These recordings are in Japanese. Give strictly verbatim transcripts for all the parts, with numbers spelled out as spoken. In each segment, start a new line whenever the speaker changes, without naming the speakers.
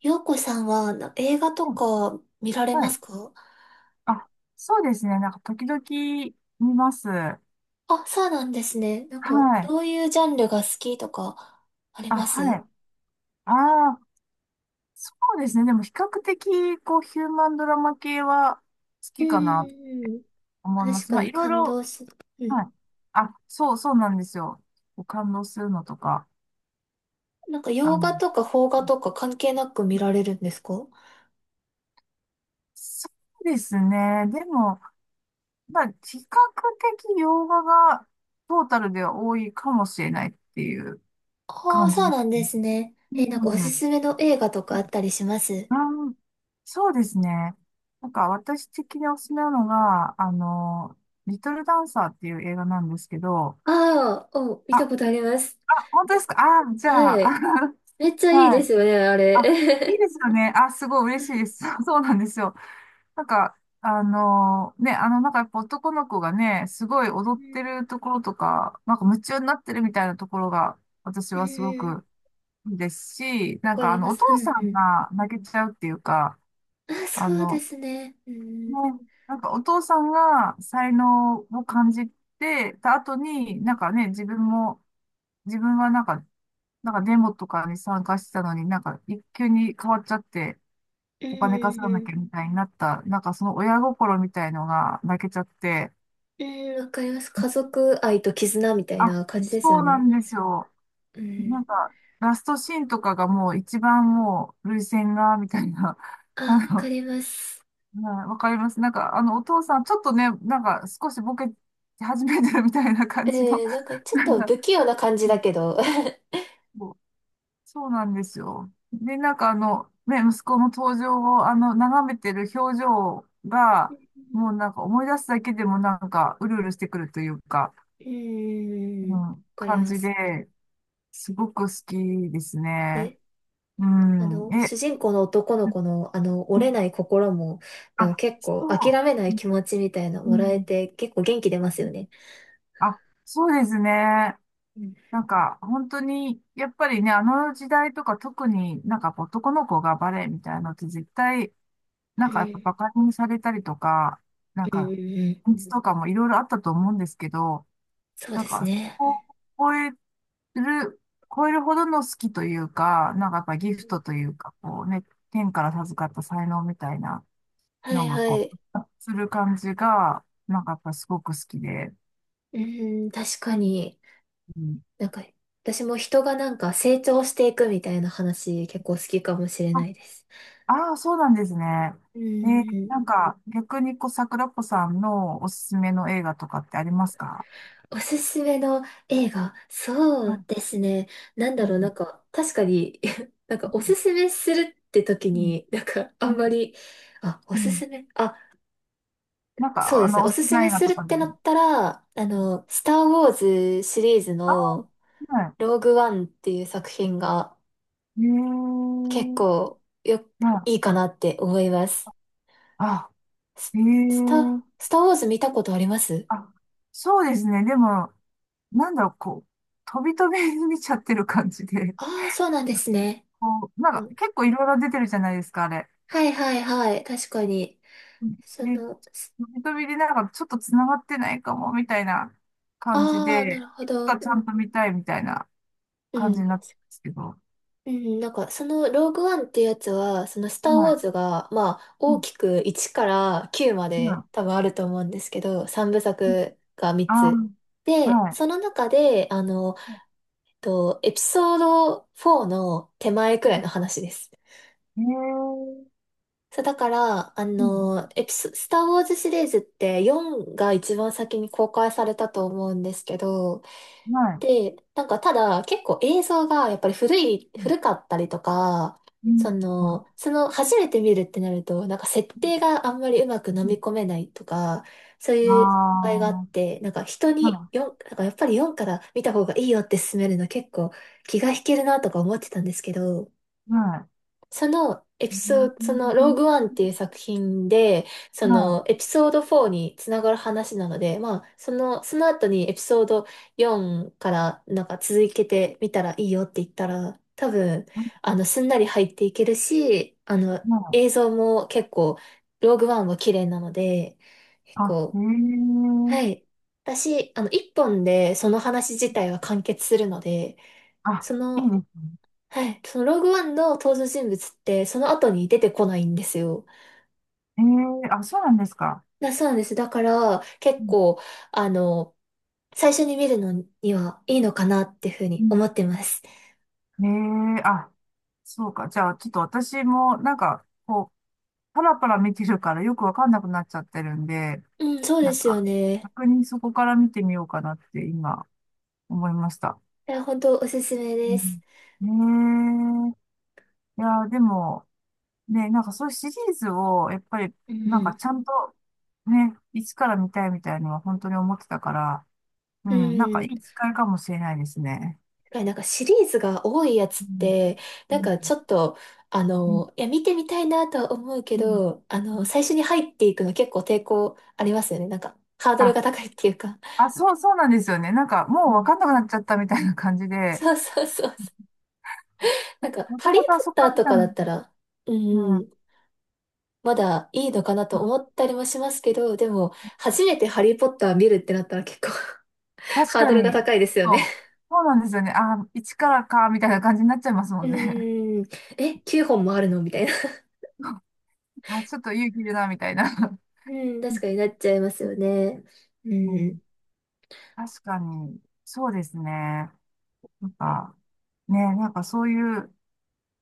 洋子さんはな映画と
うん。
か見られ
は
ま
い。
すか？
あ、そうですね。なんか、時々見ます。は
あ、そうなんですね。なんか、どう
い。
いうジャンルが好きとか、あり
あ、
ま
は
す？
い。ああ、そうですね。でも、比較的、こう、ヒューマンドラマ系は好
う
き
ん
かなと
うんうん。
思いま
確
す。
か
まあ、い
に
ろい
感
ろ、
動する。うん。
はい。あ、そう、そうなんですよ。こう感動するのとか。
なんか、洋
あの、
画とか邦画とか関係なく見られるんですか？
そうですね。でも、まあ、比較的洋画がトータルでは多いかもしれないっていう
ああ、
感
そう
じ。
なんですね。
う
え、なんかおす
ん。
すめの映画とかあったりします？
あーそうですね。なんか私的におすすめなのが、あの、リトルダンサーっていう映画なんですけど、
ああー、お、見
あ、
た
あ、
ことあります。
本当ですか？あ、じゃあ、
はい。めっち ゃいい
は
で
い。
すよね、あ
あ、いい
れ。
ですよ ね。あ、すごい
は
嬉しいで
い。
す。そうなんですよ。なんか、あの、ね、あの、なんかやっぱ男の子がね、すごい
う
踊って
ん
るところとか、なんか夢中になってるみたいなところが、私
うんう
はすご
ん。うん、
くいいですし、
わ
なん
か
か
り
あの、
ま
お
す。
父
うん
さん
うん。
が泣けちゃうっていうか、
あ、
あ
そうで
の、
すね。う
ね、
ん。
なんかお父さんが才能を感じてた後に、
う
なん
ん
かね、自分も、自分はなんか、なんかデモとかに参加してたのに、なんか一級に変わっちゃって、
うん
お金稼がな
う
きゃ
ん。
みたいになった、なんかその親心みたいのが泣けちゃって、
うん、わかります。家族愛と絆みたい
あ、
な感じですよ
そうな
ね。
んですよ。
う
な
ん。
んか、ラストシーンとかがもう一番もう、涙腺が、みたいな、
あ、
あ
わか
の、
ります。
はい、わかります。なんか、あの、お父さん、ちょっとね、なんか、少しボケ始めてるみたいな感じの、
えー、なんか ちょっ
な
と
ん
不
か、
器用な感じだけど。
そうそうなんですよ。で、なんか、あの、ね、息子の登場を、あの、眺めてる表情が、もうなんか、思い出すだけでも、なんか、うるうるしてくるというか、
うん。
う
わ
ん、
かり
感
ま
じ
す。
で、すごく好きですね。
で、
う
あ
ん。
の、
え、
主人公の男の
う
子の、あの、折
ん。
れない心も、なんか
あ、
結
そ
構諦めない
う、
気持ちみたいな
う
もらえ
ん、
て、結構元気出ますよね。
あ、そうですね。
うん。
なんか、本当に、やっぱりね、あの時代とか特になんか男の子がバレエみたいなのって絶対、なん
う
かやっぱ
ん。
バカにされたりとか、なん
うんう
か、
んうん。
うとかもいろいろあったと思うんですけど、
そう
なん
です
か、そ
ね。う
こを超える、超えるほどの好きというか、なんかやっぱギフトと
ん。
いうか、こうね、天から授かった才能みたいな
は
の
い
が
は
こ
い。
う、する感じが、なんかやっぱすごく好きで、
うーん、確かに。
うん。
なんか、私も人がなんか成長していくみたいな話結構好きかもしれないです。
ああ、そうなんですね。
う
えー
ーん、
なんか、逆にこう、桜子さんのおすすめの映画とかってありますか？
おすすめの映画。そ
う
う
ん、
ですね。なん
う
だろう、な
ん、
んか、確かに なんかおすすめするって時
うん、
に、なんかあんまり、あ、お
う
す
ん。
すめ、あ、
なん
そう
か、
で
あ
すね。
の、お
お
好
す
き
す
な
め
映画
する
と
っ
かで。
てなったら、あの、スター・ウォーズシリーズ
ああ、
の
は
ローグワンっていう作品が
い。え
結
ー、
構よ、
は
いい
い。
かなって思います。
あ、え
ス、スタ、
ー、
スターウォーズ見たことあります？
あ、そうですね。でも、なんだろう、こう、飛び飛びに見ちゃってる感じで、
ああ、そうなんですね。
こう、なん
う
か、
ん。
結構いろいろ出てるじゃないですか、あれ。
はいはいはい。確かに。そ
ね、
の、す
飛びでなんかちょっと繋がってないかも、みたいな感じ
ああ、なる
で、
ほ
いつ
ど。
かち
う
ゃ
ん。
んと見たいみたいな
う
感じ
ん。
になったんですけど、は
うん、なんか、その、ローグワンってやつは、その、スターウォーズが、まあ、
い。う
大
ん、
きくいちからきゅうま
今、
で多分あると思うんですけど、3部
うん、
作が3
あ
つ。
あ、
で、
は
その中で、あの、えっと、エピソードよんの手前くらいの話です。
い。ええ、
そう、だから、あ
うん、
の、エピソ、スター・ウォーズシリーズってよんが一番先に公開されたと思うんですけど、
はい。
で、なんかただ結構映像がやっぱり古い、
うん、
古かったりとか、
うん、
その、その初めて見るってなると、なんか設定があんまりうまく飲み込めないとか、そう
あ
いう場合があっ
あ、
て、なんか人に
は
よん、なんかやっぱりよんから見た方がいいよって勧めるの結構気が引けるなとか思ってたんですけど、
い、は
そのエピ
い。う
ソード、そのロー
ん、
グワンっていう作品で、そ
は
のエピソードよんにつながる話なので、まあ、その、その後にエピソードよんからなんか続けてみたらいいよって言ったら、多分、あの、すんなり入っていけるし、あの、
い、は
映
い。
像も結構、ローグワンは綺麗なので、結
あ、え
構、は
え、
い。私、あの、一本でその話自体は完結するので、
あ、
そ
いい
の、
です。
はい。そのローグワンの登場人物ってその後に出てこないんですよ。
ええ、あ、そうなんですか？
だ、そうなんです。だから結
う
構、あの、最初に見るのにはいいのかなっていうふうに思
ん。
ってます。
ね、え、あ、そうか。じゃあ、ちょっと私も、なんか、こう、パラパラ見てるからよくわかんなくなっちゃってるんで、
うん、そうで
なん
すよ
か、
ね。
逆にそこから見てみようかなって今、思いました。
いや、本当おすすめです。
うん、ええ、いや、でも、ね、なんかそういうシリーズを、やっぱり、
う
なんか
ん
ちゃんと、ね、いつから見たいみたいのは本当に思ってたから、う
うん。
ん、なん
う
か
ん。
いい
だ
機会かもしれないですね。
からなんかシリーズが多いやつ
う
っ
ん、
て、
う
なん
ん、
かちょっと、あ
うん、
の、いや、見てみたいなとは思うけど、あ
う
の、
ん。
最初に入っていくの結構抵抗ありますよね。なんか、ハードルが高いっていうか。
あ、そう、そうなんですよね。なんか、
う
もうわ
ん。
かんなくなっちゃったみたいな感じで、
そうそうそうそう。なんか、
男
ハリー・ポ
と遊
ッ
そっ
ターと
た
か
ん
だ
だ。
ったら、う
う
ん、
ん。
まだいいのかなと思ったりもしますけど、でも、初めてハリー・ポッター見るってなったら結構
確
ハー
か
ドルが
に。
高いですよ
そ
ね。
う。そうなんですよね。あ、一からか、みたいな感じになっちゃいますも
う
んね。
ん、え、きゅうほんもあるのみたいな。
あ、ちょっと勇気いるな、みたいな。
うん、確かになっちゃいますよね。う
う
ん、
ん。確かに。そうですね。なんか、ね、なんかそういう、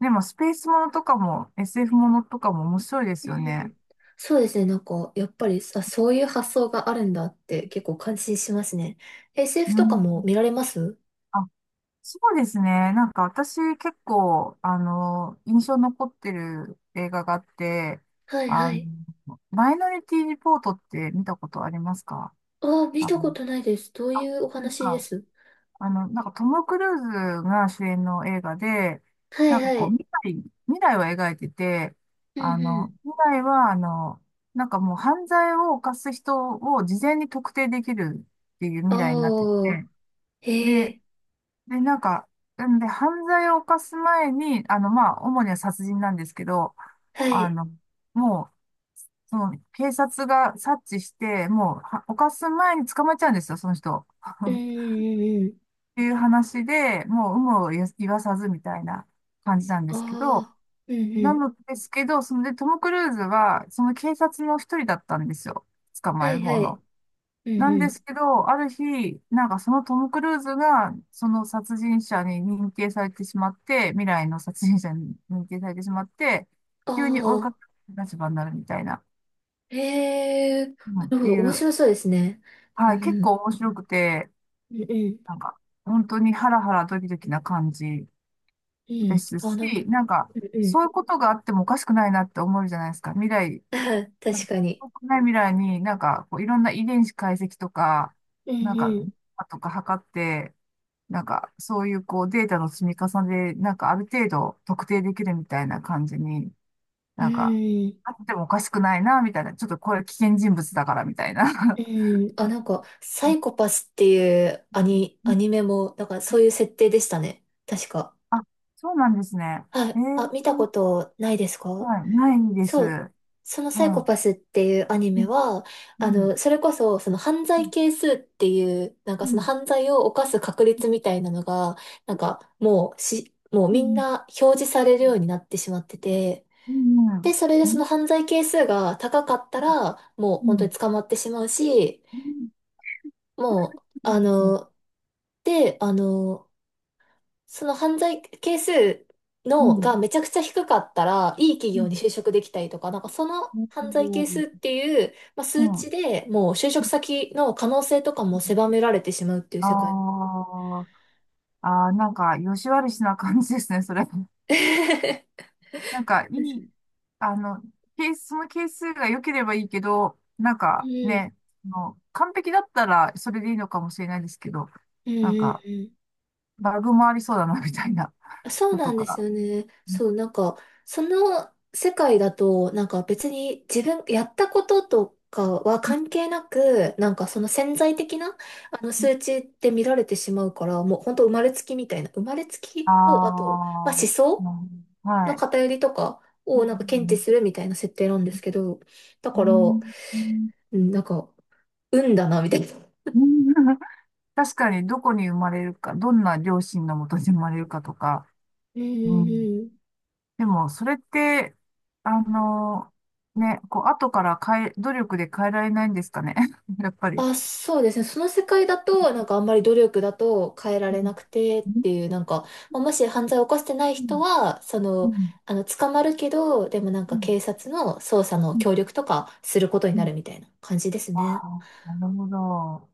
でもスペースものとかも エスエフ ものとかも面白いで
う
すよね。
ん、そうですね、なんか、やっぱりさ、そういう発想があるんだって結構感心しますね。エスエフ
う
とか
ん。
も見られます？
そうですね。なんか私結構、あの、印象残ってる映画があって、
はいは
あ
い。
の、マイノリティリポートって見たことありますか？
ああ、見
あの、
たことないです。どう
あ、
い
そ
うお
うです
話で
か？
す？
あの、なんかトム・クルーズが主演の映画で、
は
な
い
んか
は
こう、
い。
未来、未来を描いてて、
う
あの、
ん。
未来は、あの、なんかもう犯罪を犯す人を事前に特定できるっていう未来になって
おー、
て、
へ
で、
え、
で、なんか、なんで、犯罪を犯す前に、あの、まあ、主には殺人なんですけど、
は
あ
い。
の、もう、その、警察が察知して、もう、は犯す前に捕まっちゃうんですよ、その人。
うん うんうん。
っていう話で、もう、有無を言言わさずみたいな感じなんですけど、
ああ、うんう
な
ん。
のですけど、そので、トム・クルーズは、その警察の一人だったんですよ。捕ま
は
える
い
方
はい。
の。
うん
なん
う
で
ん。
すけど、ある日、なんかそのトム・クルーズが、その殺人者に認定されてしまって、未来の殺人者に認定されてしまって、
あ
急に追いか
あ、
ける立場になるみたいな、
へえ、な
うんっ
るほ
て
ど。
い
面
う、
白そうですね。う
はい、
ん
結
う
構
ん。
面白くて、
うんうん。
なんか、本当にハラハラドキドキな感じ
う
で
ん。
す
あ
し、
な
なんか、
うんう
そうい
ん。
うことがあってもおかしくないなって思うじゃないですか。未来、
あ、
なん
確
か、
かに。
遠くない未来になんか、こういろんな遺伝子解析とか、
うん
なんか、
うん。
とか測って、なんか、そういうこうデータの積み重ねで、なんかある程度特定できるみたいな感じに、
う
なんか、
ん
あってもおかしくないな、みたいな。ちょっとこれ危険人物だから、みたい
う
な。
ん。あ、なんか、サイコ パスっていうアニ、
う
ア
ん。
ニメも、なんかそういう設定でしたね。確か。
あ、そうなんですね。
は
え
い。あ、
ー、
見たことないですか？
はい、ないです。う
そう、そのサイコ
ん。
パスっていうアニ
う
メ
ん、
は、
う
あ
ん、
の、それこそ、その犯
う
罪
ん、
係数っていう、なん
う
かその
ん、
犯罪を犯す確率みたいなのが、なんかもうし、もう
う
みん
ん、
な表示されるようになってしまってて、
うん、うん、
で、それで
う
その
ん、
犯罪係数が高かったら、もう
う
本当
ん、
に捕まってしまうし、
う
もう、
ん、
あ
ですね。
の、で、あの、その犯罪係数
う
の
ん、
がめちゃくちゃ低かったら、いい企
う
業
ん、
に就職できたりとか、なんかその犯罪係
う
数っていう、まあ、数
ん、う
値
ん、
でもう就職先の可能性とかも狭められてしまうっていう
あ
世界。
あ、ああ、なんか、よし悪しな感じですね、それ。なんか、いい、あの、ケース、その係数が良ければいいけど、なん
う
か
ん。
ね、あの、完璧だったらそれでいいのかもしれないですけど、
うんう
なん
ん
か、
うん。
バグもありそうだな、みたいな
そう
の
な
と
んです
か。
よね。そう、なんか、その世界だと、なんか別に自分、やったこととかは関係なく、なんかその潜在的な、あの数値って見られてしまうから、もう本当生まれつきみたいな、生まれつ
あ
きを、あと、まあ思
あ、う
想
ん、は
の
い。
偏りとかをなんか検知 するみたいな設定なんですけど、だ
う
から、う
ん、うん、うん。
ん、なんか、運だな、みたいな。
うん、確かに、どこに生まれるか、どんな両親のもとに生まれるかとか、
うんう
う
ん
ん、
うん。
でも、それって、あの、ね、こう、後から変え、努力で変えられないんですかね。やっぱり。
あ、そうですね。その世界だと、なんかあんまり努力だと変えられ
う
な
ん、
くてっ
う
ていう、なんか、まあもし犯罪を犯してない人
ん、
は、そ
う
の、
ん、
あの、捕まるけど、でもなん
う
か
ん、
警察の捜査の
うん、
協力とかすることに
う
な
ん、
るみたいな感じです
あ
ね。
あ、なるほど。